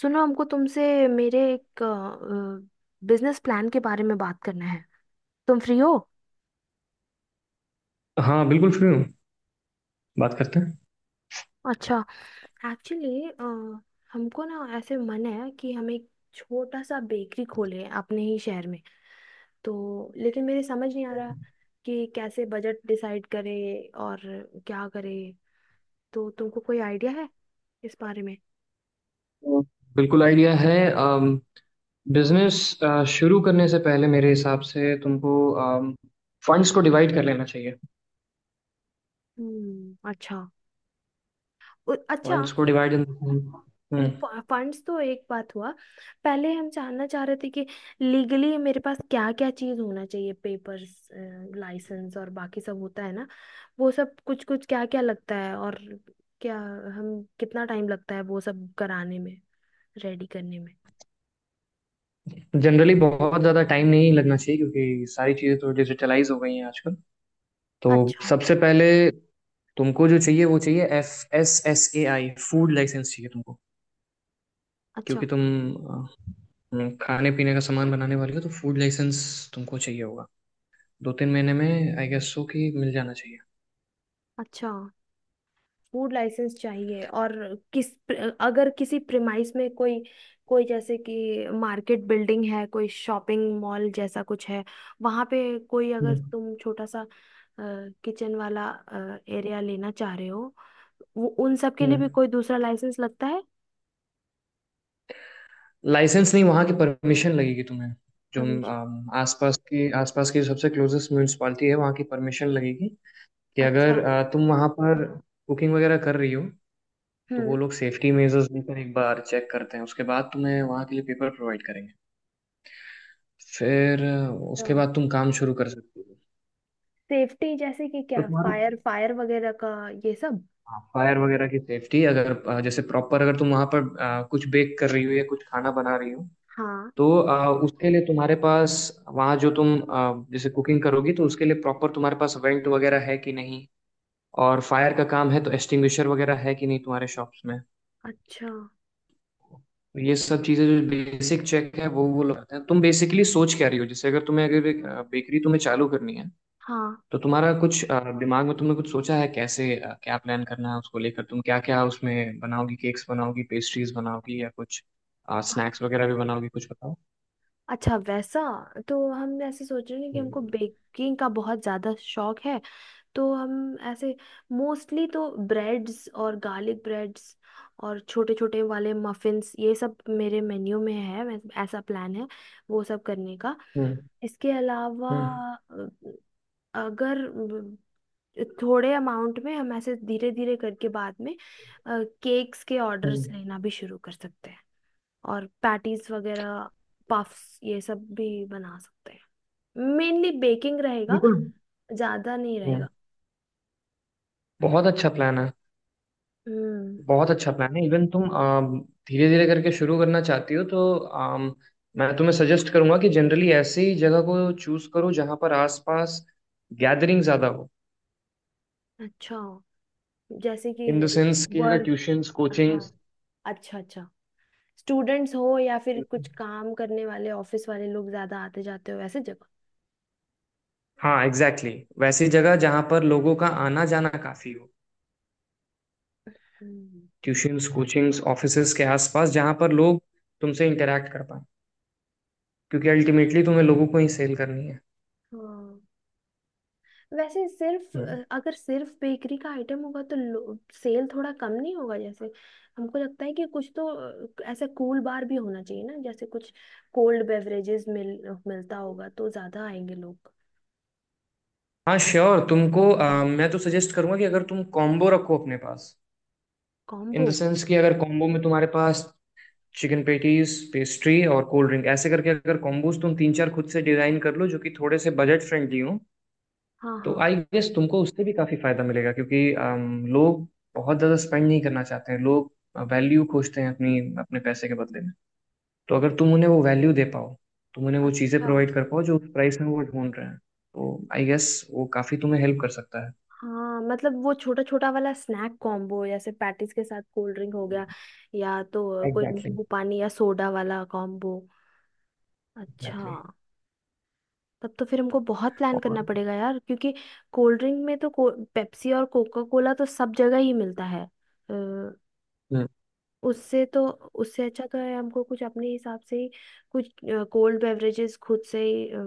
सुनो हमको तुमसे मेरे एक बिजनेस प्लान के बारे में बात करना है। तुम फ्री हो? हाँ बिल्कुल फ्री हूँ। बात करते हैं। अच्छा। एक्चुअली हमको ना ऐसे मन है कि हम एक छोटा सा बेकरी खोलें अपने ही शहर में। तो लेकिन मेरे समझ नहीं आ रहा कि कैसे बजट डिसाइड करें और क्या करें। तो तुमको कोई आइडिया है इस बारे में? तो बिल्कुल आइडिया है। बिजनेस शुरू करने से पहले मेरे हिसाब से तुमको फंड्स को डिवाइड कर लेना चाहिए। हम्म, अच्छा। अच्छा। फंड्स को डिवाइड। फंड्स तो एक बात हुआ। पहले हम जानना चाह रहे थे कि लीगली मेरे पास क्या क्या चीज होना चाहिए, पेपर्स, लाइसेंस और बाकी सब होता है ना। वो सब कुछ कुछ क्या क्या लगता है, और क्या हम कितना टाइम लगता है वो सब कराने में, रेडी करने में। जनरली बहुत ज़्यादा टाइम नहीं लगना चाहिए, क्योंकि सारी चीज़ें तो डिजिटलाइज हो गई हैं आजकल। तो अच्छा। सबसे पहले तुमको जो चाहिए वो चाहिए, F S S A I food licence चाहिए तुमको, अच्छा। क्योंकि तुम अ, खाने पीने का सामान बनाने वाले हो, तो फूड लाइसेंस तुमको चाहिए होगा। 2 3 महीने में आई गेस सो कि मिल जाना चाहिए। अच्छा, फूड लाइसेंस चाहिए, और किस अगर किसी प्रिमाइस में कोई कोई जैसे कि मार्केट बिल्डिंग है, कोई शॉपिंग मॉल जैसा कुछ है, वहां पे कोई अगर तुम छोटा सा किचन वाला एरिया लेना चाह रहे हो, वो उन सब के लिए भी हम्म कोई दूसरा लाइसेंस लगता है? लाइसेंस नहीं, वहाँ की परमिशन लगेगी तुम्हें। जो परमिशन। आसपास की जो सबसे क्लोजेस्ट म्यूनिसपालिटी है, वहाँ की परमिशन लगेगी, कि अच्छा। अगर तुम वहाँ पर कुकिंग वगैरह कर रही हो, तो वो हम्म। लोग सेफ्टी मेजर्स लेकर एक बार चेक करते हैं, उसके बाद तुम्हें वहाँ के लिए पेपर प्रोवाइड करेंगे। फिर अच्छा। उसके बाद तुम काम शुरू कर सकते हो। सेफ्टी जैसे कि तो क्या, तुम्हारा फायर फायर वगैरह का ये सब? फायर वगैरह की सेफ्टी, अगर जैसे प्रॉपर अगर तुम वहाँ पर कुछ बेक कर रही हो या कुछ खाना बना रही हो, हाँ। तो उसके लिए तुम्हारे पास, वहाँ जो तुम जैसे कुकिंग करोगी तो उसके लिए प्रॉपर तुम्हारे पास वेंट वगैरह है कि नहीं, और फायर का काम है तो एक्सटिंग्विशर वगैरह है कि नहीं तुम्हारे शॉप्स में। अच्छा। तो ये सब चीजें, जो बेसिक चेक है वो लगता है। तुम बेसिकली सोच क्या रही हो, जैसे अगर तुम्हें, अगर एक बेकरी तुम्हें चालू करनी है, हाँ। तो तुम्हारा कुछ दिमाग में तुमने कुछ सोचा है, कैसे क्या प्लान करना है उसको लेकर, तुम क्या क्या उसमें बनाओगी? केक्स बनाओगी, पेस्ट्रीज बनाओगी, या कुछ स्नैक्स वगैरह भी बनाओगी? कुछ बताओ। अच्छा, वैसा। तो हम ऐसे सोच रहे हैं कि हमको हम्म। बेकिंग का बहुत ज़्यादा शौक है। तो हम ऐसे मोस्टली तो ब्रेड्स और गार्लिक ब्रेड्स और छोटे छोटे वाले मफिन्स, ये सब मेरे मेन्यू में है, ऐसा प्लान है वो सब करने का। हम्म। इसके अलावा हम्म। अ, अगर थोड़े अमाउंट में हम ऐसे धीरे धीरे करके बाद में केक्स के ऑर्डर्स हम्म। लेना भी शुरू कर सकते हैं। और पैटीज वगैरह, पफ्स ये सब भी बना सकते हैं। मेनली बेकिंग रहेगा, बिल्कुल। ज्यादा नहीं हम्म, रहेगा। बहुत अच्छा प्लान है। हम्म। बहुत अच्छा प्लान है। इवन तुम धीरे धीरे करके शुरू करना चाहती हो, तो मैं तुम्हें सजेस्ट करूंगा कि जनरली ऐसी जगह को चूज करो जहां पर आसपास गैदरिंग ज्यादा हो। अच्छा, जैसे कि इन द सेंस कि अगर वर्क। Tuitions coaching. हाँ, अच्छा, अच्छा। स्टूडेंट्स हो या फिर कुछ काम करने वाले ऑफिस वाले लोग ज्यादा आते जाते हो, वैसे जगह। हाँ एग्जैक्टली, exactly, वैसी जगह जहां पर लोगों का आना जाना काफी हो, हम्म। ट्यूशंस कोचिंग्स ऑफिसेज के आसपास जहां पर लोग तुमसे इंटरेक्ट कर पाए, क्योंकि अल्टीमेटली तुम्हें लोगों को ही सेल करनी है। हाँ। वैसे सिर्फ हम्म। अगर सिर्फ बेकरी का आइटम होगा तो सेल थोड़ा कम नहीं होगा जैसे? हमको लगता है कि कुछ तो ऐसा कूल बार भी होना चाहिए ना, जैसे कुछ कोल्ड बेवरेजेस मिलता होगा तो ज्यादा आएंगे लोग। हाँ श्योर, तुमको मैं तो सजेस्ट करूंगा कि अगर तुम कॉम्बो रखो अपने पास। In combo? द सेंस, कि अगर कॉम्बो में तुम्हारे पास चिकन पेटीज, पेस्ट्री और कोल्ड ड्रिंक ऐसे करके अगर कॉम्बोज तुम तीन चार खुद से डिजाइन कर लो जो कि थोड़े से बजट फ्रेंडली हो, हाँ, तो हाँ। आई गेस तुमको उससे भी काफी फायदा मिलेगा, क्योंकि लोग बहुत ज्यादा स्पेंड नहीं करना चाहते हैं। लोग वैल्यू खोजते हैं अपनी, अपने पैसे के बदले में। तो अगर तुम उन्हें वो वैल्यू दे पाओ, तुम उन्हें वो चीजें अच्छा। प्रोवाइड कर पाओ जो उस प्राइस में वो ढूंढ रहे हैं, तो आई गेस वो काफी तुम्हें हेल्प कर सकता हाँ, मतलब वो छोटा छोटा वाला स्नैक कॉम्बो जैसे पैटीज के साथ कोल्ड ड्रिंक हो है। गया। या तो कोई एग्जैक्टली। नींबू पानी या सोडा वाला कॉम्बो। अच्छा। एग्जैक्टली। तब तो फिर हमको बहुत प्लान और करना पड़ेगा यार, क्योंकि कोल्ड ड्रिंक में तो पेप्सी और कोका कोला तो सब जगह ही मिलता है। अ, हम्म, उससे तो उससे अच्छा तो है हमको कुछ अपने हिसाब से ही कुछ कोल्ड बेवरेजेस खुद से ही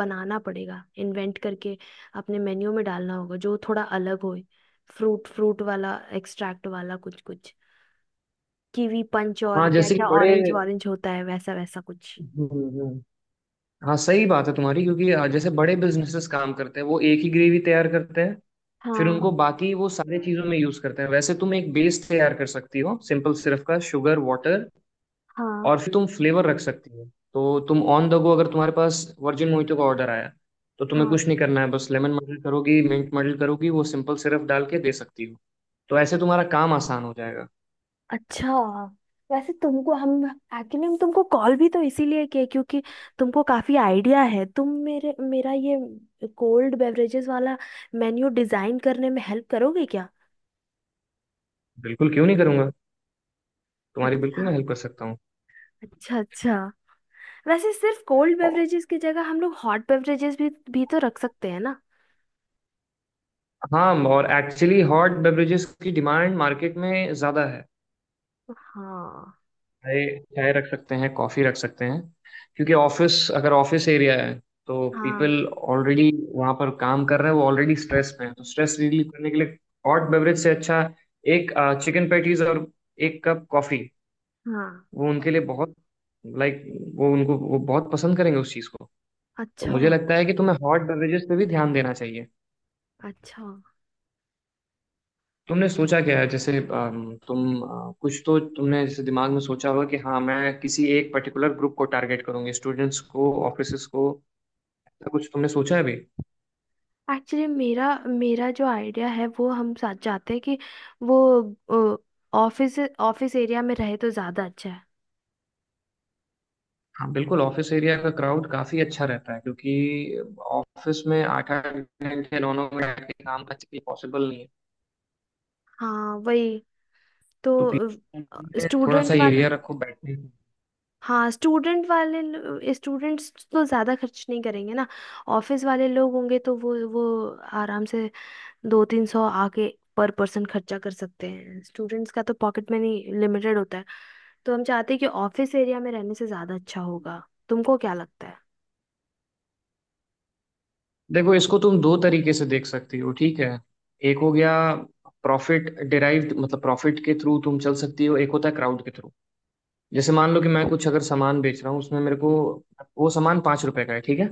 बनाना पड़ेगा, इन्वेंट करके अपने मेन्यू में डालना होगा जो थोड़ा अलग हो। फ्रूट फ्रूट वाला, एक्सट्रैक्ट वाला कुछ कुछ, कीवी पंच और हाँ क्या जैसे कि क्या, बड़े, ऑरेंज ऑरेंज होता है, वैसा वैसा कुछ। हम्म, हम्म, हाँ सही बात है तुम्हारी, क्योंकि जैसे बड़े बिजनेसेस काम करते हैं, वो एक ही ग्रेवी तैयार करते हैं, फिर हाँ, उनको बाकी वो सारी चीजों में यूज करते हैं। वैसे तुम एक बेस तैयार कर सकती हो, सिंपल सिरफ का शुगर वाटर, हाँ, और फिर तुम फ्लेवर रख सकती हो। तो तुम ऑन द गो, अगर तुम्हारे पास वर्जिन मोहितो का ऑर्डर आया, तो तुम्हें हाँ। कुछ नहीं करना है, बस लेमन मर्डल करोगी, मिंट मर्डल करोगी, वो सिंपल सिरफ डाल के दे सकती हो। तो ऐसे तुम्हारा काम आसान हो जाएगा। अच्छा, वैसे तुमको हम एक्चुअली हम तुमको कॉल भी तो इसीलिए किए, क्योंकि तुमको काफी आइडिया है। तुम मेरे मेरा ये कोल्ड बेवरेजेस वाला मेन्यू डिजाइन करने में हेल्प करोगे क्या? बिल्कुल, क्यों नहीं करूंगा। तुम्हारी बिल्कुल अच्छा, मैं हेल्प कर सकता हूँ। अच्छा, अच्छा। वैसे सिर्फ कोल्ड और- बेवरेजेस की जगह हम लोग हॉट बेवरेजेस भी तो रख सकते हैं ना? हाँ, और एक्चुअली हॉट बेवरेजेस की डिमांड मार्केट में ज़्यादा है। हाँ, चाय, चाय रख सकते हैं, कॉफ़ी रख सकते हैं। क्योंकि ऑफिस, अगर ऑफिस एरिया है, तो हाँ, पीपल ऑलरेडी वहाँ पर काम कर रहे हैं, वो ऑलरेडी स्ट्रेस में है, तो स्ट्रेस रिलीव करने के लिए हॉट बेवरेज से अच्छा एक चिकन पैटीज और एक कप कॉफ़ी, हाँ। वो उनके लिए बहुत, लाइक, वो उनको वो बहुत पसंद करेंगे उस चीज़ को। तो अच्छा, मुझे लगता है कि तुम्हें हॉट बेवरेजेस पे भी ध्यान देना चाहिए। अच्छा। तुमने सोचा क्या है, जैसे तुम कुछ तो तुमने जैसे दिमाग में सोचा होगा कि हाँ मैं किसी एक पर्टिकुलर ग्रुप को टारगेट करूंगी, स्टूडेंट्स को, ऑफिसेस को, ऐसा कुछ तुमने सोचा है भी? एक्चुअली मेरा मेरा जो आइडिया है वो हम साथ चाहते हैं कि वो ऑफिस ऑफिस एरिया में रहे तो ज़्यादा अच्छा है। हाँ बिल्कुल, ऑफिस एरिया का क्राउड काफी अच्छा रहता है, क्योंकि ऑफिस में 8 8 घंटे, 9 9 घंटे काम करना पॉसिबल नहीं है। हाँ, वही। तो तो पीछे में थोड़ा स्टूडेंट सा वाला। एरिया रखो बैठने का। हाँ, स्टूडेंट वाले स्टूडेंट्स तो ज़्यादा खर्च नहीं करेंगे ना। ऑफिस वाले लोग होंगे तो वो आराम से 200-300 आके पर पर्सन खर्चा कर सकते हैं। स्टूडेंट्स का तो पॉकेट मनी लिमिटेड होता है। तो हम चाहते हैं कि ऑफिस एरिया में रहने से ज़्यादा अच्छा होगा। तुमको क्या लगता है? देखो, इसको तुम दो तरीके से देख सकती हो, ठीक है? एक हो गया प्रॉफिट डिराइव्ड, मतलब प्रॉफिट के थ्रू तुम चल सकती हो, एक होता है क्राउड के थ्रू। जैसे मान लो कि मैं कुछ अगर सामान बेच रहा हूँ, उसमें मेरे को वो सामान 5 रुपए का है, ठीक है।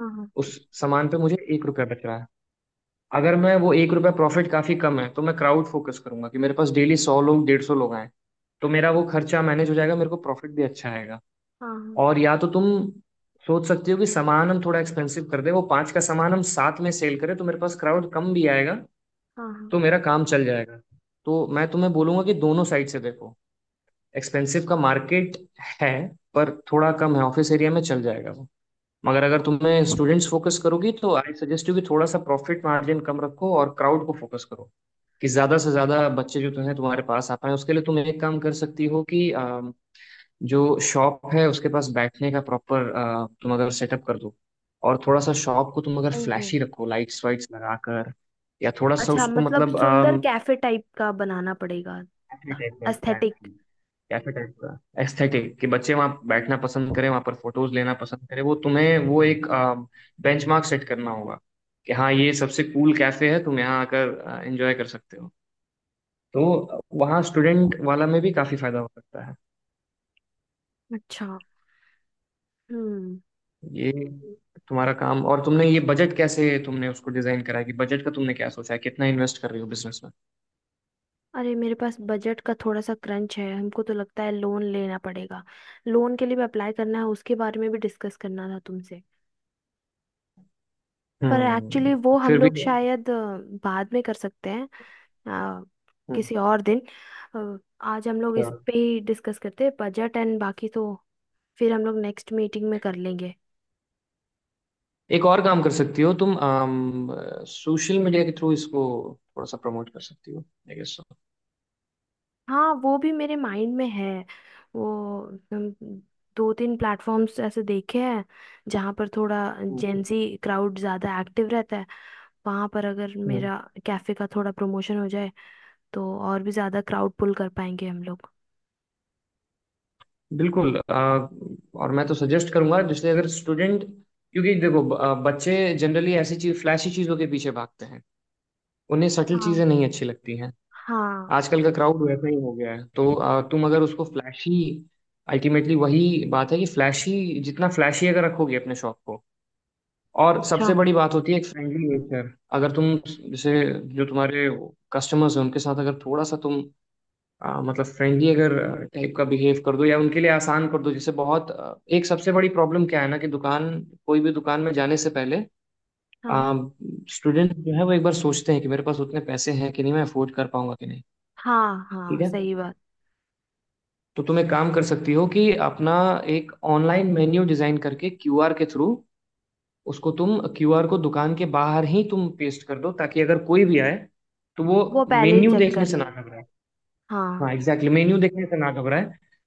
हाँ, हाँ, उस सामान पे मुझे 1 रुपया बच रहा है। अगर मैं वो 1 रुपया प्रॉफिट काफी कम है, तो मैं क्राउड फोकस करूंगा कि मेरे पास डेली 100 लोग, 150 लोग आए, तो मेरा वो खर्चा मैनेज हो जाएगा, मेरे को प्रॉफिट भी अच्छा आएगा। हाँ, और या तो तुम सोच सकते हो कि सामान हम थोड़ा एक्सपेंसिव कर दें, वो पाँच का सामान हम सात में सेल करें, तो मेरे पास क्राउड कम भी आएगा, हाँ, हाँ। तो मेरा काम चल जाएगा। तो मैं तुम्हें बोलूंगा कि दोनों साइड से देखो। एक्सपेंसिव का मार्केट है पर थोड़ा कम है, ऑफिस एरिया में चल जाएगा वो, मगर अगर तुम्हें स्टूडेंट्स फोकस करोगी, तो आई सजेस्ट यू कि थोड़ा सा प्रॉफिट मार्जिन कम रखो और क्राउड को फोकस करो, कि ज्यादा से ज्यादा बच्चे जो तुम्हें, तुम्हारे पास आ पाए। उसके लिए तुम एक काम कर सकती हो कि जो शॉप है उसके पास बैठने का प्रॉपर तुम अगर सेटअप कर दो, और थोड़ा सा शॉप को तुम अगर ओहो। फ्लैशी रखो, लाइट्स वाइट्स लगाकर, या थोड़ा सा अच्छा, उसको, मतलब मतलब सुंदर कैफे टाइप का बनाना पड़ेगा। कैफे टाइप का, एस्थेटिक। एग्जैक्टली, कैफे टाइप का एस्थेटिक, कि बच्चे वहां बैठना पसंद करें, वहां पर फोटोज लेना पसंद करें। वो तुम्हें वो एक बेंचमार्क सेट करना होगा, कि हाँ ये सबसे कूल कैफे है, तुम यहाँ आकर एंजॉय कर सकते हो। तो वहाँ स्टूडेंट वाला में भी काफी फायदा हो सकता है। अच्छा। हम्म। ये तुम्हारा काम, और तुमने ये बजट कैसे तुमने उसको डिजाइन करा है, कि बजट का तुमने क्या सोचा है? कितना इन्वेस्ट कर रही हो बिजनेस में? अरे, मेरे पास बजट का थोड़ा सा क्रंच है, हमको तो लगता है लोन लेना पड़ेगा। लोन के लिए भी अप्लाई करना है, उसके बारे में भी डिस्कस करना था तुमसे। पर एक्चुअली हम्म। वो हम फिर भी। लोग शायद बाद में कर सकते हैं, अ, किसी और दिन। अ, आज हम लोग इस हम्म, पे ही डिस्कस करते हैं, बजट एंड बाकी तो फिर हम लोग नेक्स्ट मीटिंग में कर लेंगे। एक और काम कर सकती हो तुम, सोशल मीडिया के थ्रू इसको थोड़ा सा प्रमोट कर सकती हो आई गेस सो। हाँ, वो भी मेरे माइंड में है। वो हम दो तीन प्लेटफॉर्म्स ऐसे देखे हैं जहाँ पर थोड़ा हम्म। जेंजी क्राउड ज़्यादा एक्टिव रहता है। वहाँ पर अगर हम्म। मेरा कैफ़े का थोड़ा प्रमोशन हो जाए तो और भी ज़्यादा क्राउड पुल कर पाएंगे हम लोग। बिल्कुल, और मैं तो सजेस्ट करूंगा, जैसे अगर स्टूडेंट, क्योंकि देखो बच्चे जनरली ऐसी चीज, फ्लैशी चीजों के पीछे भागते हैं, उन्हें सटल हाँ, चीजें नहीं अच्छी लगती हैं। हाँ। आजकल का क्राउड वैसा ही हो गया है, तो तुम अगर उसको फ्लैशी, अल्टीमेटली वही बात है, कि फ्लैशी, जितना फ्लैशी अगर रखोगे अपने शॉप को, और अच्छा। सबसे बड़ी बात होती है एक फ्रेंडली नेचर। अगर तुम, जैसे, जो तुम्हारे कस्टमर्स हैं उनके साथ अगर थोड़ा सा तुम मतलब फ्रेंडली, अगर टाइप का बिहेव कर दो या उनके लिए आसान कर दो, जैसे बहुत एक सबसे बड़ी प्रॉब्लम क्या है ना, कि दुकान, कोई भी दुकान में जाने से पहले हाँ, स्टूडेंट जो है वो एक बार सोचते हैं कि मेरे पास उतने पैसे हैं कि नहीं, मैं अफोर्ड कर पाऊंगा कि नहीं। हाँ, ठीक हाँ है। सही बात। तो तुम एक काम कर सकती हो कि अपना एक ऑनलाइन मेन्यू डिजाइन करके क्यूआर के थ्रू, उसको तुम क्यूआर को दुकान के बाहर ही तुम पेस्ट कर दो, ताकि अगर कोई भी आए तो वो वो पहले ही Okay. मेन्यू चेक देखने कर से ना लें। घबराए। हाँ हाँ। एग्जैक्टली, मेन्यू देखने से ना घबराए,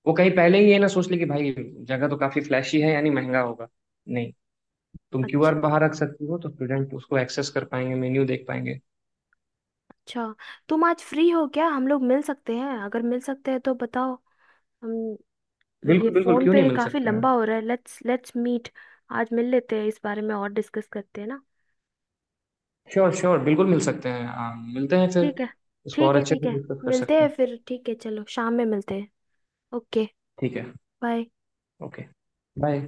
वो कहीं पहले ही ये ना सोच ले कि भाई जगह तो काफी फ्लैशी है, यानी महंगा होगा। नहीं, तुम क्यूआर अच्छा, बाहर रख सकती हो, तो स्टूडेंट उसको एक्सेस कर पाएंगे, मेन्यू देख पाएंगे। अच्छा। तुम आज फ्री हो क्या, हम लोग मिल सकते हैं, अगर मिल सकते हैं तो बताओ। हम तो, ये बिल्कुल बिल्कुल, फोन क्यों नहीं, पे मिल काफी सकते हैं। लंबा हो रहा है, लेट्स लेट्स मीट। आज मिल लेते हैं, इस बारे में और डिस्कस करते हैं ना। श्योर श्योर, बिल्कुल मिल सकते हैं, हाँ मिलते हैं फिर, ठीक है, इसको ठीक और है, अच्छे ठीक से है। डिस्कस कर मिलते सकते हैं हैं। फिर, ठीक है, चलो शाम में मिलते हैं। ओके। ठीक है। बाय। ओके। बाय।